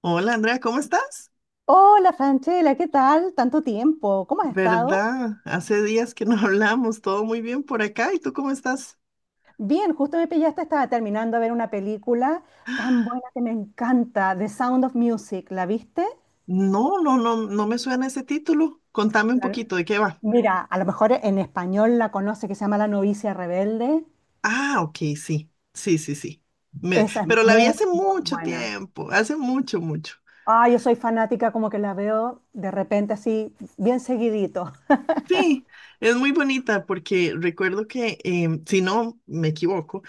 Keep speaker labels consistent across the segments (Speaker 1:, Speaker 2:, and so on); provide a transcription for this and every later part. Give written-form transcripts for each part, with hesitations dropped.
Speaker 1: Hola Andrea, ¿cómo estás?
Speaker 2: Hola Franchela, ¿qué tal? Tanto tiempo, ¿cómo has estado?
Speaker 1: ¿Verdad? Hace días que no hablamos, todo muy bien por acá. ¿Y tú cómo estás?
Speaker 2: Bien, justo me pillaste, estaba terminando de ver una película tan buena que me encanta, The Sound of Music, ¿la viste?
Speaker 1: No, no, no, no me suena ese título. Contame un
Speaker 2: La-
Speaker 1: poquito de qué va.
Speaker 2: Mira, a lo mejor en español la conoce, que se llama La novicia rebelde.
Speaker 1: Ah, ok, sí, sí, sí, sí.
Speaker 2: Esa es
Speaker 1: Pero la vi
Speaker 2: muy,
Speaker 1: hace
Speaker 2: muy
Speaker 1: mucho
Speaker 2: buena.
Speaker 1: tiempo, hace mucho, mucho.
Speaker 2: Ah, yo soy fanática, como que la veo de repente así, bien seguidito.
Speaker 1: Sí, es muy bonita porque recuerdo que, si no me equivoco,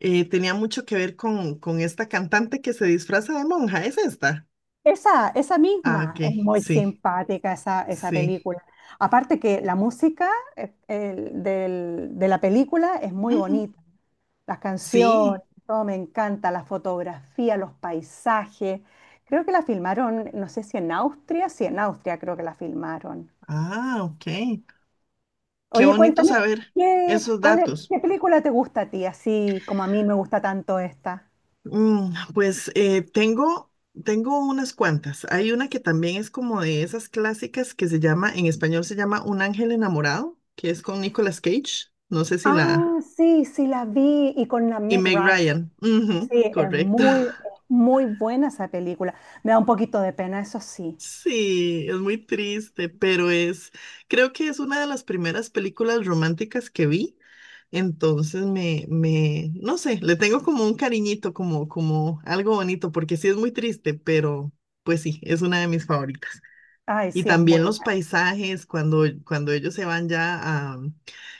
Speaker 1: tenía mucho que ver con esta cantante que se disfraza de monja, ¿es esta?
Speaker 2: Esa
Speaker 1: Ah,
Speaker 2: misma
Speaker 1: ok,
Speaker 2: es muy
Speaker 1: sí,
Speaker 2: simpática esa
Speaker 1: sí.
Speaker 2: película. Aparte que la música de la película es muy
Speaker 1: Ujú.
Speaker 2: bonita. Las canciones,
Speaker 1: Sí.
Speaker 2: todo me encanta, la fotografía, los paisajes. Creo que la filmaron, no sé si en Austria, sí, en Austria creo que la filmaron.
Speaker 1: Ah, ok. Qué
Speaker 2: Oye,
Speaker 1: bonito
Speaker 2: cuéntame,
Speaker 1: saber
Speaker 2: ¿qué,
Speaker 1: esos
Speaker 2: cuál es-
Speaker 1: datos.
Speaker 2: qué película te gusta a ti, así como a mí me gusta tanto esta?
Speaker 1: Mm, pues eh, tengo, Tengo unas cuantas. Hay una que también es como de esas clásicas que se llama, en español se llama Un ángel enamorado, que es con Nicolas Cage. No sé si la...
Speaker 2: Ah, sí, sí, la vi y con la
Speaker 1: Y
Speaker 2: Meg
Speaker 1: Meg
Speaker 2: Ryan.
Speaker 1: Ryan. Ujú,
Speaker 2: Sí, es
Speaker 1: correcto.
Speaker 2: muy, es muy buena esa película. Me da un poquito de pena, eso sí.
Speaker 1: Sí, es muy triste, pero es, creo que es una de las primeras películas románticas que vi, entonces no sé, le tengo como un cariñito, como, como algo bonito, porque sí es muy triste, pero pues sí, es una de mis favoritas.
Speaker 2: Ay,
Speaker 1: Y
Speaker 2: sí, es muy
Speaker 1: también los
Speaker 2: buena.
Speaker 1: paisajes, cuando ellos se van ya a,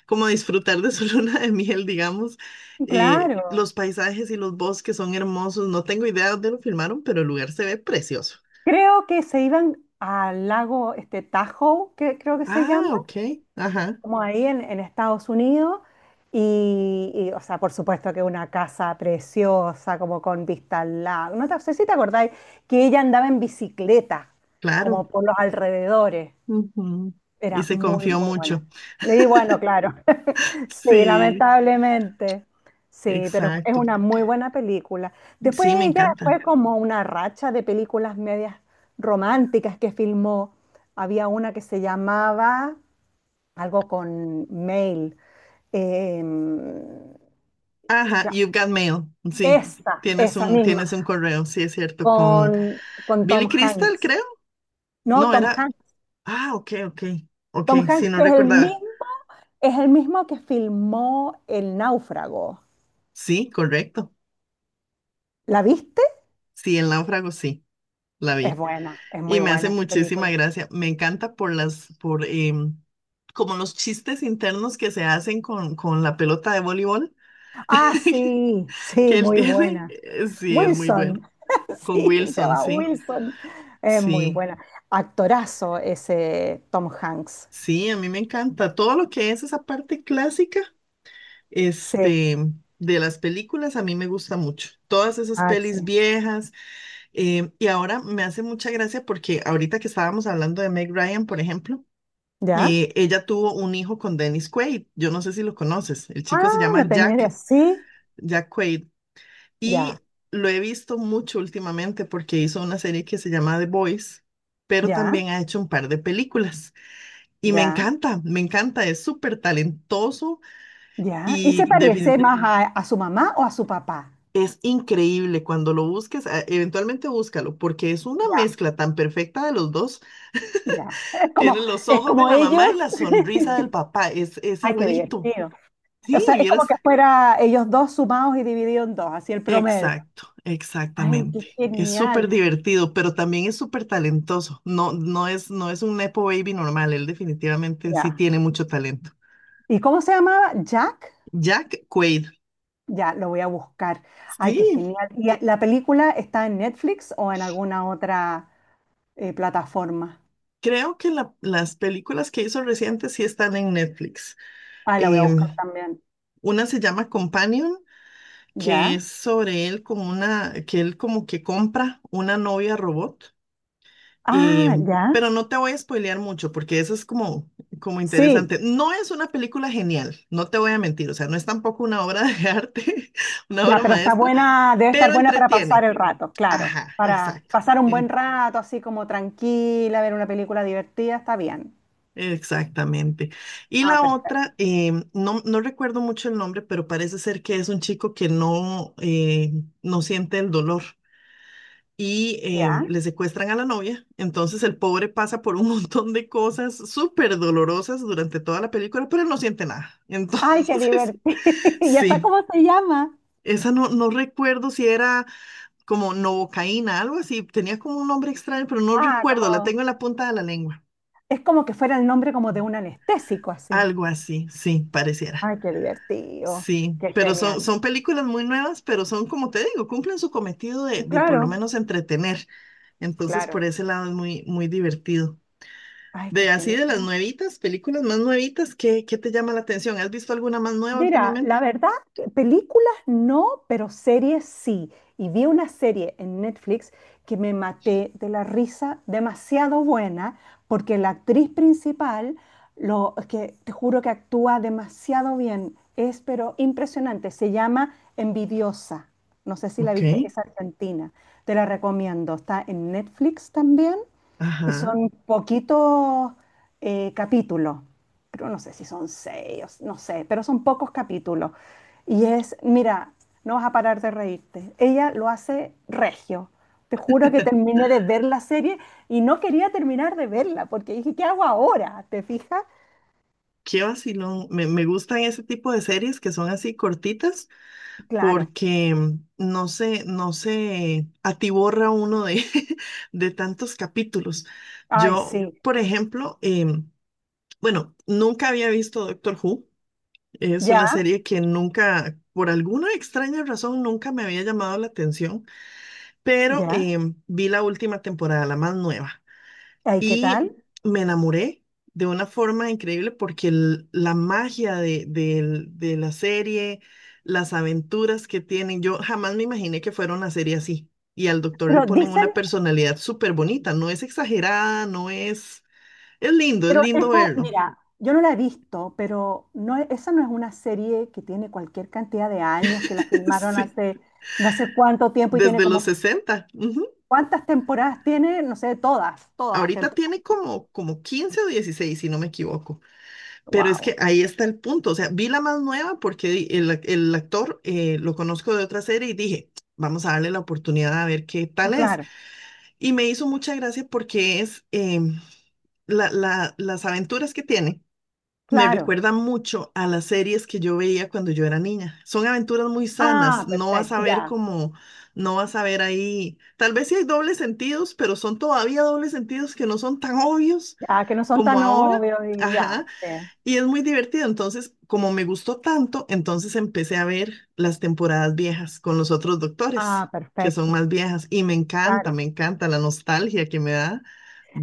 Speaker 1: como a disfrutar de su luna de miel, digamos,
Speaker 2: Claro.
Speaker 1: los paisajes y los bosques son hermosos, no tengo idea de dónde lo filmaron, pero el lugar se ve precioso.
Speaker 2: Creo que se iban al lago este Tahoe, que creo que se
Speaker 1: Ah,
Speaker 2: llama,
Speaker 1: ok. Ajá,
Speaker 2: como ahí en Estados Unidos. O sea, por supuesto que una casa preciosa, como con vista al lago. No sé si te acordáis que ella andaba en bicicleta,
Speaker 1: claro.
Speaker 2: como por los alrededores.
Speaker 1: Ujú. Y
Speaker 2: Era
Speaker 1: se
Speaker 2: muy,
Speaker 1: confió
Speaker 2: muy bueno.
Speaker 1: mucho.
Speaker 2: Y bueno, claro. Sí,
Speaker 1: Sí,
Speaker 2: lamentablemente. Sí, pero es
Speaker 1: exacto.
Speaker 2: una muy buena película. Después
Speaker 1: Sí, me
Speaker 2: ella
Speaker 1: encanta.
Speaker 2: fue como una racha de películas medias románticas que filmó. Había una que se llamaba algo con Mail. eh,
Speaker 1: Ajá,
Speaker 2: ya,
Speaker 1: you've got mail. Sí,
Speaker 2: esa, esa
Speaker 1: tienes
Speaker 2: misma,
Speaker 1: un correo, sí, es cierto, con
Speaker 2: con, con
Speaker 1: Billy
Speaker 2: Tom
Speaker 1: Crystal,
Speaker 2: Hanks.
Speaker 1: creo.
Speaker 2: No,
Speaker 1: No,
Speaker 2: Tom
Speaker 1: era.
Speaker 2: Hanks.
Speaker 1: Ah, ok, ok. Ok,
Speaker 2: Tom
Speaker 1: sí,
Speaker 2: Hanks
Speaker 1: no
Speaker 2: que es el
Speaker 1: recordaba.
Speaker 2: mismo, es el mismo que filmó El Náufrago.
Speaker 1: Sí, correcto.
Speaker 2: ¿La viste?
Speaker 1: Sí, el náufrago, sí, la
Speaker 2: Es
Speaker 1: vi.
Speaker 2: buena, es
Speaker 1: Y
Speaker 2: muy
Speaker 1: me hace
Speaker 2: buena esa
Speaker 1: muchísima
Speaker 2: película.
Speaker 1: gracia. Me encanta por como los chistes internos que se hacen con la pelota de voleibol
Speaker 2: Ah, sí, sí,
Speaker 1: que él
Speaker 2: muy
Speaker 1: tiene,
Speaker 2: buena.
Speaker 1: sí, es muy bueno.
Speaker 2: Wilson,
Speaker 1: Con
Speaker 2: sí, se
Speaker 1: Wilson,
Speaker 2: llama
Speaker 1: sí,
Speaker 2: Wilson. Es muy
Speaker 1: sí,
Speaker 2: buena. Actorazo ese Tom Hanks.
Speaker 1: sí, a mí me encanta. Todo lo que es esa parte clásica,
Speaker 2: Sí,
Speaker 1: este, de las películas, a mí me gusta mucho. Todas esas
Speaker 2: ah,
Speaker 1: pelis
Speaker 2: sí.
Speaker 1: viejas. Y ahora me hace mucha gracia porque ahorita que estábamos hablando de Meg Ryan, por ejemplo,
Speaker 2: ¿Ya?
Speaker 1: ella tuvo un hijo con Dennis Quaid. Yo no sé si lo conoces. El
Speaker 2: Ah,
Speaker 1: chico se
Speaker 2: lo
Speaker 1: llama
Speaker 2: tenía de
Speaker 1: Jack,
Speaker 2: así.
Speaker 1: Jack Quaid.
Speaker 2: Ya,
Speaker 1: Y lo he visto mucho últimamente porque hizo una serie que se llama The Boys, pero
Speaker 2: ya,
Speaker 1: también ha hecho un par de películas. Y
Speaker 2: ya,
Speaker 1: me encanta, es súper talentoso
Speaker 2: ya. ¿Y
Speaker 1: y
Speaker 2: se parece
Speaker 1: defini-
Speaker 2: más a su mamá o a su papá?
Speaker 1: es increíble cuando lo busques, eventualmente búscalo, porque es una
Speaker 2: Ya,
Speaker 1: mezcla tan perfecta de los dos.
Speaker 2: ya. Es como,
Speaker 1: Tienen los
Speaker 2: es
Speaker 1: ojos de
Speaker 2: como
Speaker 1: la mamá y
Speaker 2: ellos.
Speaker 1: la sonrisa del papá, es
Speaker 2: Ay, qué
Speaker 1: igualito.
Speaker 2: divertido. O
Speaker 1: Sí,
Speaker 2: sea, es como
Speaker 1: vieras.
Speaker 2: que fuera ellos dos sumados y divididos en dos, así el promedio.
Speaker 1: Exacto,
Speaker 2: Ay, qué
Speaker 1: exactamente. Es súper
Speaker 2: genial.
Speaker 1: divertido, pero también es súper talentoso. No es un Nepo Baby normal, él definitivamente sí
Speaker 2: Ya.
Speaker 1: tiene mucho talento.
Speaker 2: ¿Y cómo se llamaba? ¿Jack?
Speaker 1: Jack Quaid.
Speaker 2: Ya, lo voy a buscar. Ay, qué
Speaker 1: Sí,
Speaker 2: genial. ¿Y la película está en Netflix o en alguna otra plataforma?
Speaker 1: creo que las películas que hizo recientes sí están en Netflix.
Speaker 2: Ay, la voy a buscar
Speaker 1: Em,
Speaker 2: también.
Speaker 1: una se llama Companion, que
Speaker 2: ¿Ya?
Speaker 1: es sobre que él como que compra una novia robot. Eh,
Speaker 2: Ah, ya.
Speaker 1: pero no te voy a spoilear mucho porque eso es como, como
Speaker 2: Sí,
Speaker 1: interesante. No es una película genial, no te voy a mentir, o sea, no es tampoco una obra de arte, una
Speaker 2: ya,
Speaker 1: obra
Speaker 2: pero está
Speaker 1: maestra,
Speaker 2: buena, debe estar
Speaker 1: pero
Speaker 2: buena para pasar
Speaker 1: entretiene.
Speaker 2: el rato, claro.
Speaker 1: Ajá,
Speaker 2: Para
Speaker 1: exacto.
Speaker 2: pasar un buen
Speaker 1: en-
Speaker 2: rato, así como tranquila, ver una película divertida, está bien.
Speaker 1: Exactamente. Y
Speaker 2: Ah,
Speaker 1: la
Speaker 2: perfecto.
Speaker 1: otra, no recuerdo mucho el nombre, pero parece ser que es un chico que no siente el dolor.
Speaker 2: ¿Ya?
Speaker 1: Le secuestran a la novia. Entonces el pobre pasa por un montón de cosas súper dolorosas durante toda la película, pero él no siente nada.
Speaker 2: Ay, qué
Speaker 1: Entonces,
Speaker 2: divertido. ¿Y esa
Speaker 1: sí,
Speaker 2: cómo se llama?
Speaker 1: esa no recuerdo si era como novocaína, algo así. Tenía como un nombre extraño, pero no
Speaker 2: Ah,
Speaker 1: recuerdo. La
Speaker 2: como,
Speaker 1: tengo en la punta de la lengua.
Speaker 2: es como que fuera el nombre como de un anestésico, así.
Speaker 1: Algo así, sí, pareciera.
Speaker 2: Ay, qué divertido,
Speaker 1: Sí,
Speaker 2: qué genial.
Speaker 1: son películas muy nuevas, pero son, como te digo, cumplen su cometido
Speaker 2: Y
Speaker 1: de por lo
Speaker 2: claro,
Speaker 1: menos entretener. Entonces, por
Speaker 2: claro.
Speaker 1: ese lado es muy, muy divertido.
Speaker 2: Ay, qué
Speaker 1: De así
Speaker 2: genial.
Speaker 1: de las nuevitas, películas más nuevitas, ¿qué te llama la atención? ¿Has visto alguna más nueva
Speaker 2: Mira, la
Speaker 1: últimamente?
Speaker 2: verdad, películas no, pero series sí. Y vi una serie en Netflix que me maté de la risa, demasiado buena, porque la actriz principal, lo es que te juro que actúa demasiado bien, es pero impresionante. Se llama Envidiosa. No sé si la
Speaker 1: Ok.
Speaker 2: viste, es argentina. Te la recomiendo. Está en Netflix también. Y
Speaker 1: Ajá,
Speaker 2: son poquitos capítulos, creo, no sé si son seis, no sé, pero son pocos capítulos. Y es, mira, no vas a parar de reírte. Ella lo hace regio. Te juro que terminé de ver la serie y no quería terminar de verla porque dije, ¿qué hago ahora? ¿Te fijas?
Speaker 1: qué vacilón. Me gustan ese tipo de series que son así cortitas
Speaker 2: Claro.
Speaker 1: porque no se atiborra uno de, de tantos capítulos.
Speaker 2: Ay,
Speaker 1: Yo,
Speaker 2: sí.
Speaker 1: por ejemplo, bueno, nunca había visto Doctor Who. Es
Speaker 2: Ya,
Speaker 1: una serie que nunca, por alguna extraña razón, nunca me había llamado la atención. Pero
Speaker 2: ya.
Speaker 1: vi la última temporada, la más nueva,
Speaker 2: Ay, ¿qué
Speaker 1: y
Speaker 2: tal?
Speaker 1: me enamoré de una forma increíble porque la magia de la serie, las aventuras que tienen, yo jamás me imaginé que fuera una serie así. Y al doctor le
Speaker 2: Pero
Speaker 1: ponen
Speaker 2: dicen
Speaker 1: una personalidad súper bonita, no es exagerada, no es... es
Speaker 2: Pero
Speaker 1: lindo
Speaker 2: esta,
Speaker 1: verlo.
Speaker 2: mira, yo no la he visto, pero no, esa no es una serie que tiene cualquier cantidad de años, que la filmaron
Speaker 1: Sí,
Speaker 2: hace no sé cuánto tiempo y tiene
Speaker 1: desde los
Speaker 2: como,
Speaker 1: 60, ujú.
Speaker 2: ¿cuántas temporadas tiene? No sé, todas las
Speaker 1: Ahorita
Speaker 2: temporadas.
Speaker 1: tiene como, como 15 o 16 si no me equivoco. Pero es que
Speaker 2: Wow.
Speaker 1: ahí está el punto. O sea, vi la más nueva porque el actor lo conozco de otra serie y dije, vamos a darle la oportunidad a ver qué tal es.
Speaker 2: Claro,
Speaker 1: Y me hizo mucha gracia porque es las aventuras que tiene. Me
Speaker 2: claro.
Speaker 1: recuerdan mucho a las series que yo veía cuando yo era niña. Son aventuras muy sanas,
Speaker 2: Ah,
Speaker 1: no vas a
Speaker 2: perfecto,
Speaker 1: ver
Speaker 2: ya.
Speaker 1: como, no vas a ver ahí, tal vez sí hay dobles sentidos, pero son todavía dobles sentidos que no son tan obvios
Speaker 2: Ya, que no son
Speaker 1: como
Speaker 2: tan
Speaker 1: ahora.
Speaker 2: obvios y
Speaker 1: Ajá.
Speaker 2: ya. Sí.
Speaker 1: Y es muy divertido. Entonces, como me gustó tanto, entonces empecé a ver las temporadas viejas con los otros
Speaker 2: Ah,
Speaker 1: doctores, que son
Speaker 2: perfecto,
Speaker 1: más viejas. Y me
Speaker 2: claro.
Speaker 1: encanta la nostalgia que me da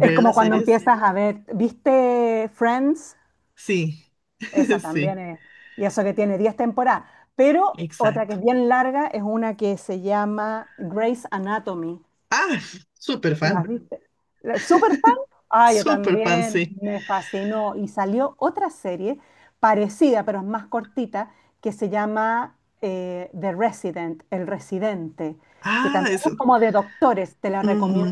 Speaker 2: Es como
Speaker 1: las
Speaker 2: cuando
Speaker 1: series.
Speaker 2: empiezas a ver, ¿viste Friends?
Speaker 1: Sí,
Speaker 2: Esa también
Speaker 1: sí,
Speaker 2: es. Y eso que tiene 10 temporadas. Pero otra que
Speaker 1: exacto.
Speaker 2: es bien larga es una que se llama Grey's Anatomy.
Speaker 1: Ah, súper
Speaker 2: ¿La
Speaker 1: fan,
Speaker 2: viste? ¿Súper fan? Ah, yo
Speaker 1: súper fan,
Speaker 2: también.
Speaker 1: sí.
Speaker 2: Me fascinó. Y salió otra serie parecida, pero es más cortita, que se llama The Resident, El Residente, que
Speaker 1: Ah,
Speaker 2: también
Speaker 1: eso.
Speaker 2: es como de doctores. Te la
Speaker 1: Ujú.
Speaker 2: recomiendo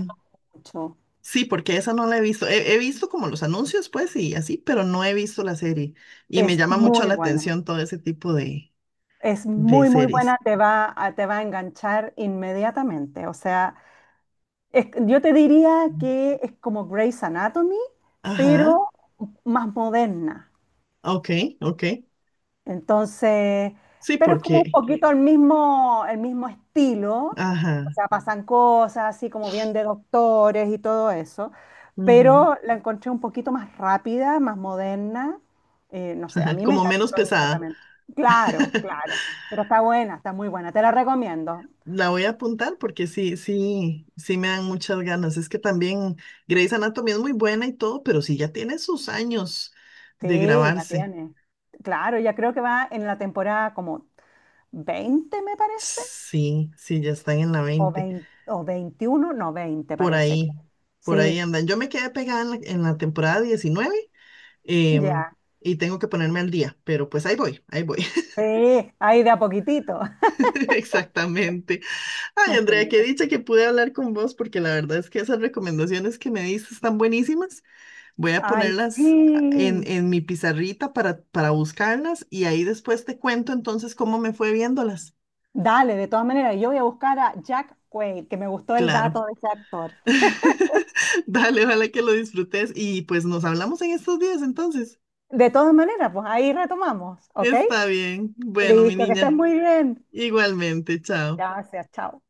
Speaker 2: mucho.
Speaker 1: Sí, porque esa no la he visto. He visto como los anuncios, pues, y así, pero no he visto la serie. Y me
Speaker 2: Es
Speaker 1: llama mucho
Speaker 2: muy
Speaker 1: la
Speaker 2: buena.
Speaker 1: atención todo ese tipo
Speaker 2: Es
Speaker 1: de
Speaker 2: muy, muy
Speaker 1: series.
Speaker 2: buena, te va a enganchar inmediatamente. O sea, yo te diría que es como Grey's Anatomy,
Speaker 1: Ajá.
Speaker 2: pero más moderna.
Speaker 1: Ok, ok.
Speaker 2: Entonces,
Speaker 1: Sí,
Speaker 2: pero es como un Ok.
Speaker 1: porque,
Speaker 2: Poquito el mismo estilo. O
Speaker 1: ajá,
Speaker 2: sea, pasan cosas así como bien de doctores y todo eso.
Speaker 1: ujú.
Speaker 2: Pero la encontré un poquito más rápida, más moderna. No sé, a mí me
Speaker 1: Como menos
Speaker 2: enganchó
Speaker 1: pesada.
Speaker 2: inmediatamente. Claro, claro. Pero está buena, está muy buena. Te la recomiendo.
Speaker 1: La voy a apuntar porque sí, sí, sí me dan muchas ganas. Es que también Grey's Anatomy es muy buena y todo, pero sí ya tiene sus años de
Speaker 2: Sí, ya
Speaker 1: grabarse.
Speaker 2: tiene. Claro, ya creo que va en la temporada como 20 me parece,
Speaker 1: Sí, sí, ya están en la
Speaker 2: o,
Speaker 1: 20.
Speaker 2: 20 o 21 no, 20
Speaker 1: Por
Speaker 2: parece que.
Speaker 1: ahí, por ahí
Speaker 2: Sí,
Speaker 1: andan. Yo me quedé pegada en la temporada 19, em,
Speaker 2: ya.
Speaker 1: y tengo que ponerme al día, pero pues ahí voy, ahí voy.
Speaker 2: Sí, ahí de a poquitito.
Speaker 1: Exactamente. Ay, Andrea, qué
Speaker 2: Imagínate.
Speaker 1: dicha que pude hablar con vos, porque la verdad es que esas recomendaciones que me diste están buenísimas. Voy a
Speaker 2: Ay,
Speaker 1: ponerlas
Speaker 2: sí.
Speaker 1: en mi pizarrita para buscarlas y ahí después te cuento entonces cómo me fue viéndolas.
Speaker 2: Dale, de todas maneras, yo voy a buscar a Jack Quaid, que me gustó el
Speaker 1: Claro.
Speaker 2: dato de ese actor.
Speaker 1: Dale, ojalá que lo disfrutes y pues nos hablamos en estos días entonces.
Speaker 2: De todas maneras, pues ahí retomamos, ¿ok?
Speaker 1: Está bien. Bueno, mi
Speaker 2: Listo, que estés
Speaker 1: niña,
Speaker 2: muy bien.
Speaker 1: igualmente, chao.
Speaker 2: Gracias, chao.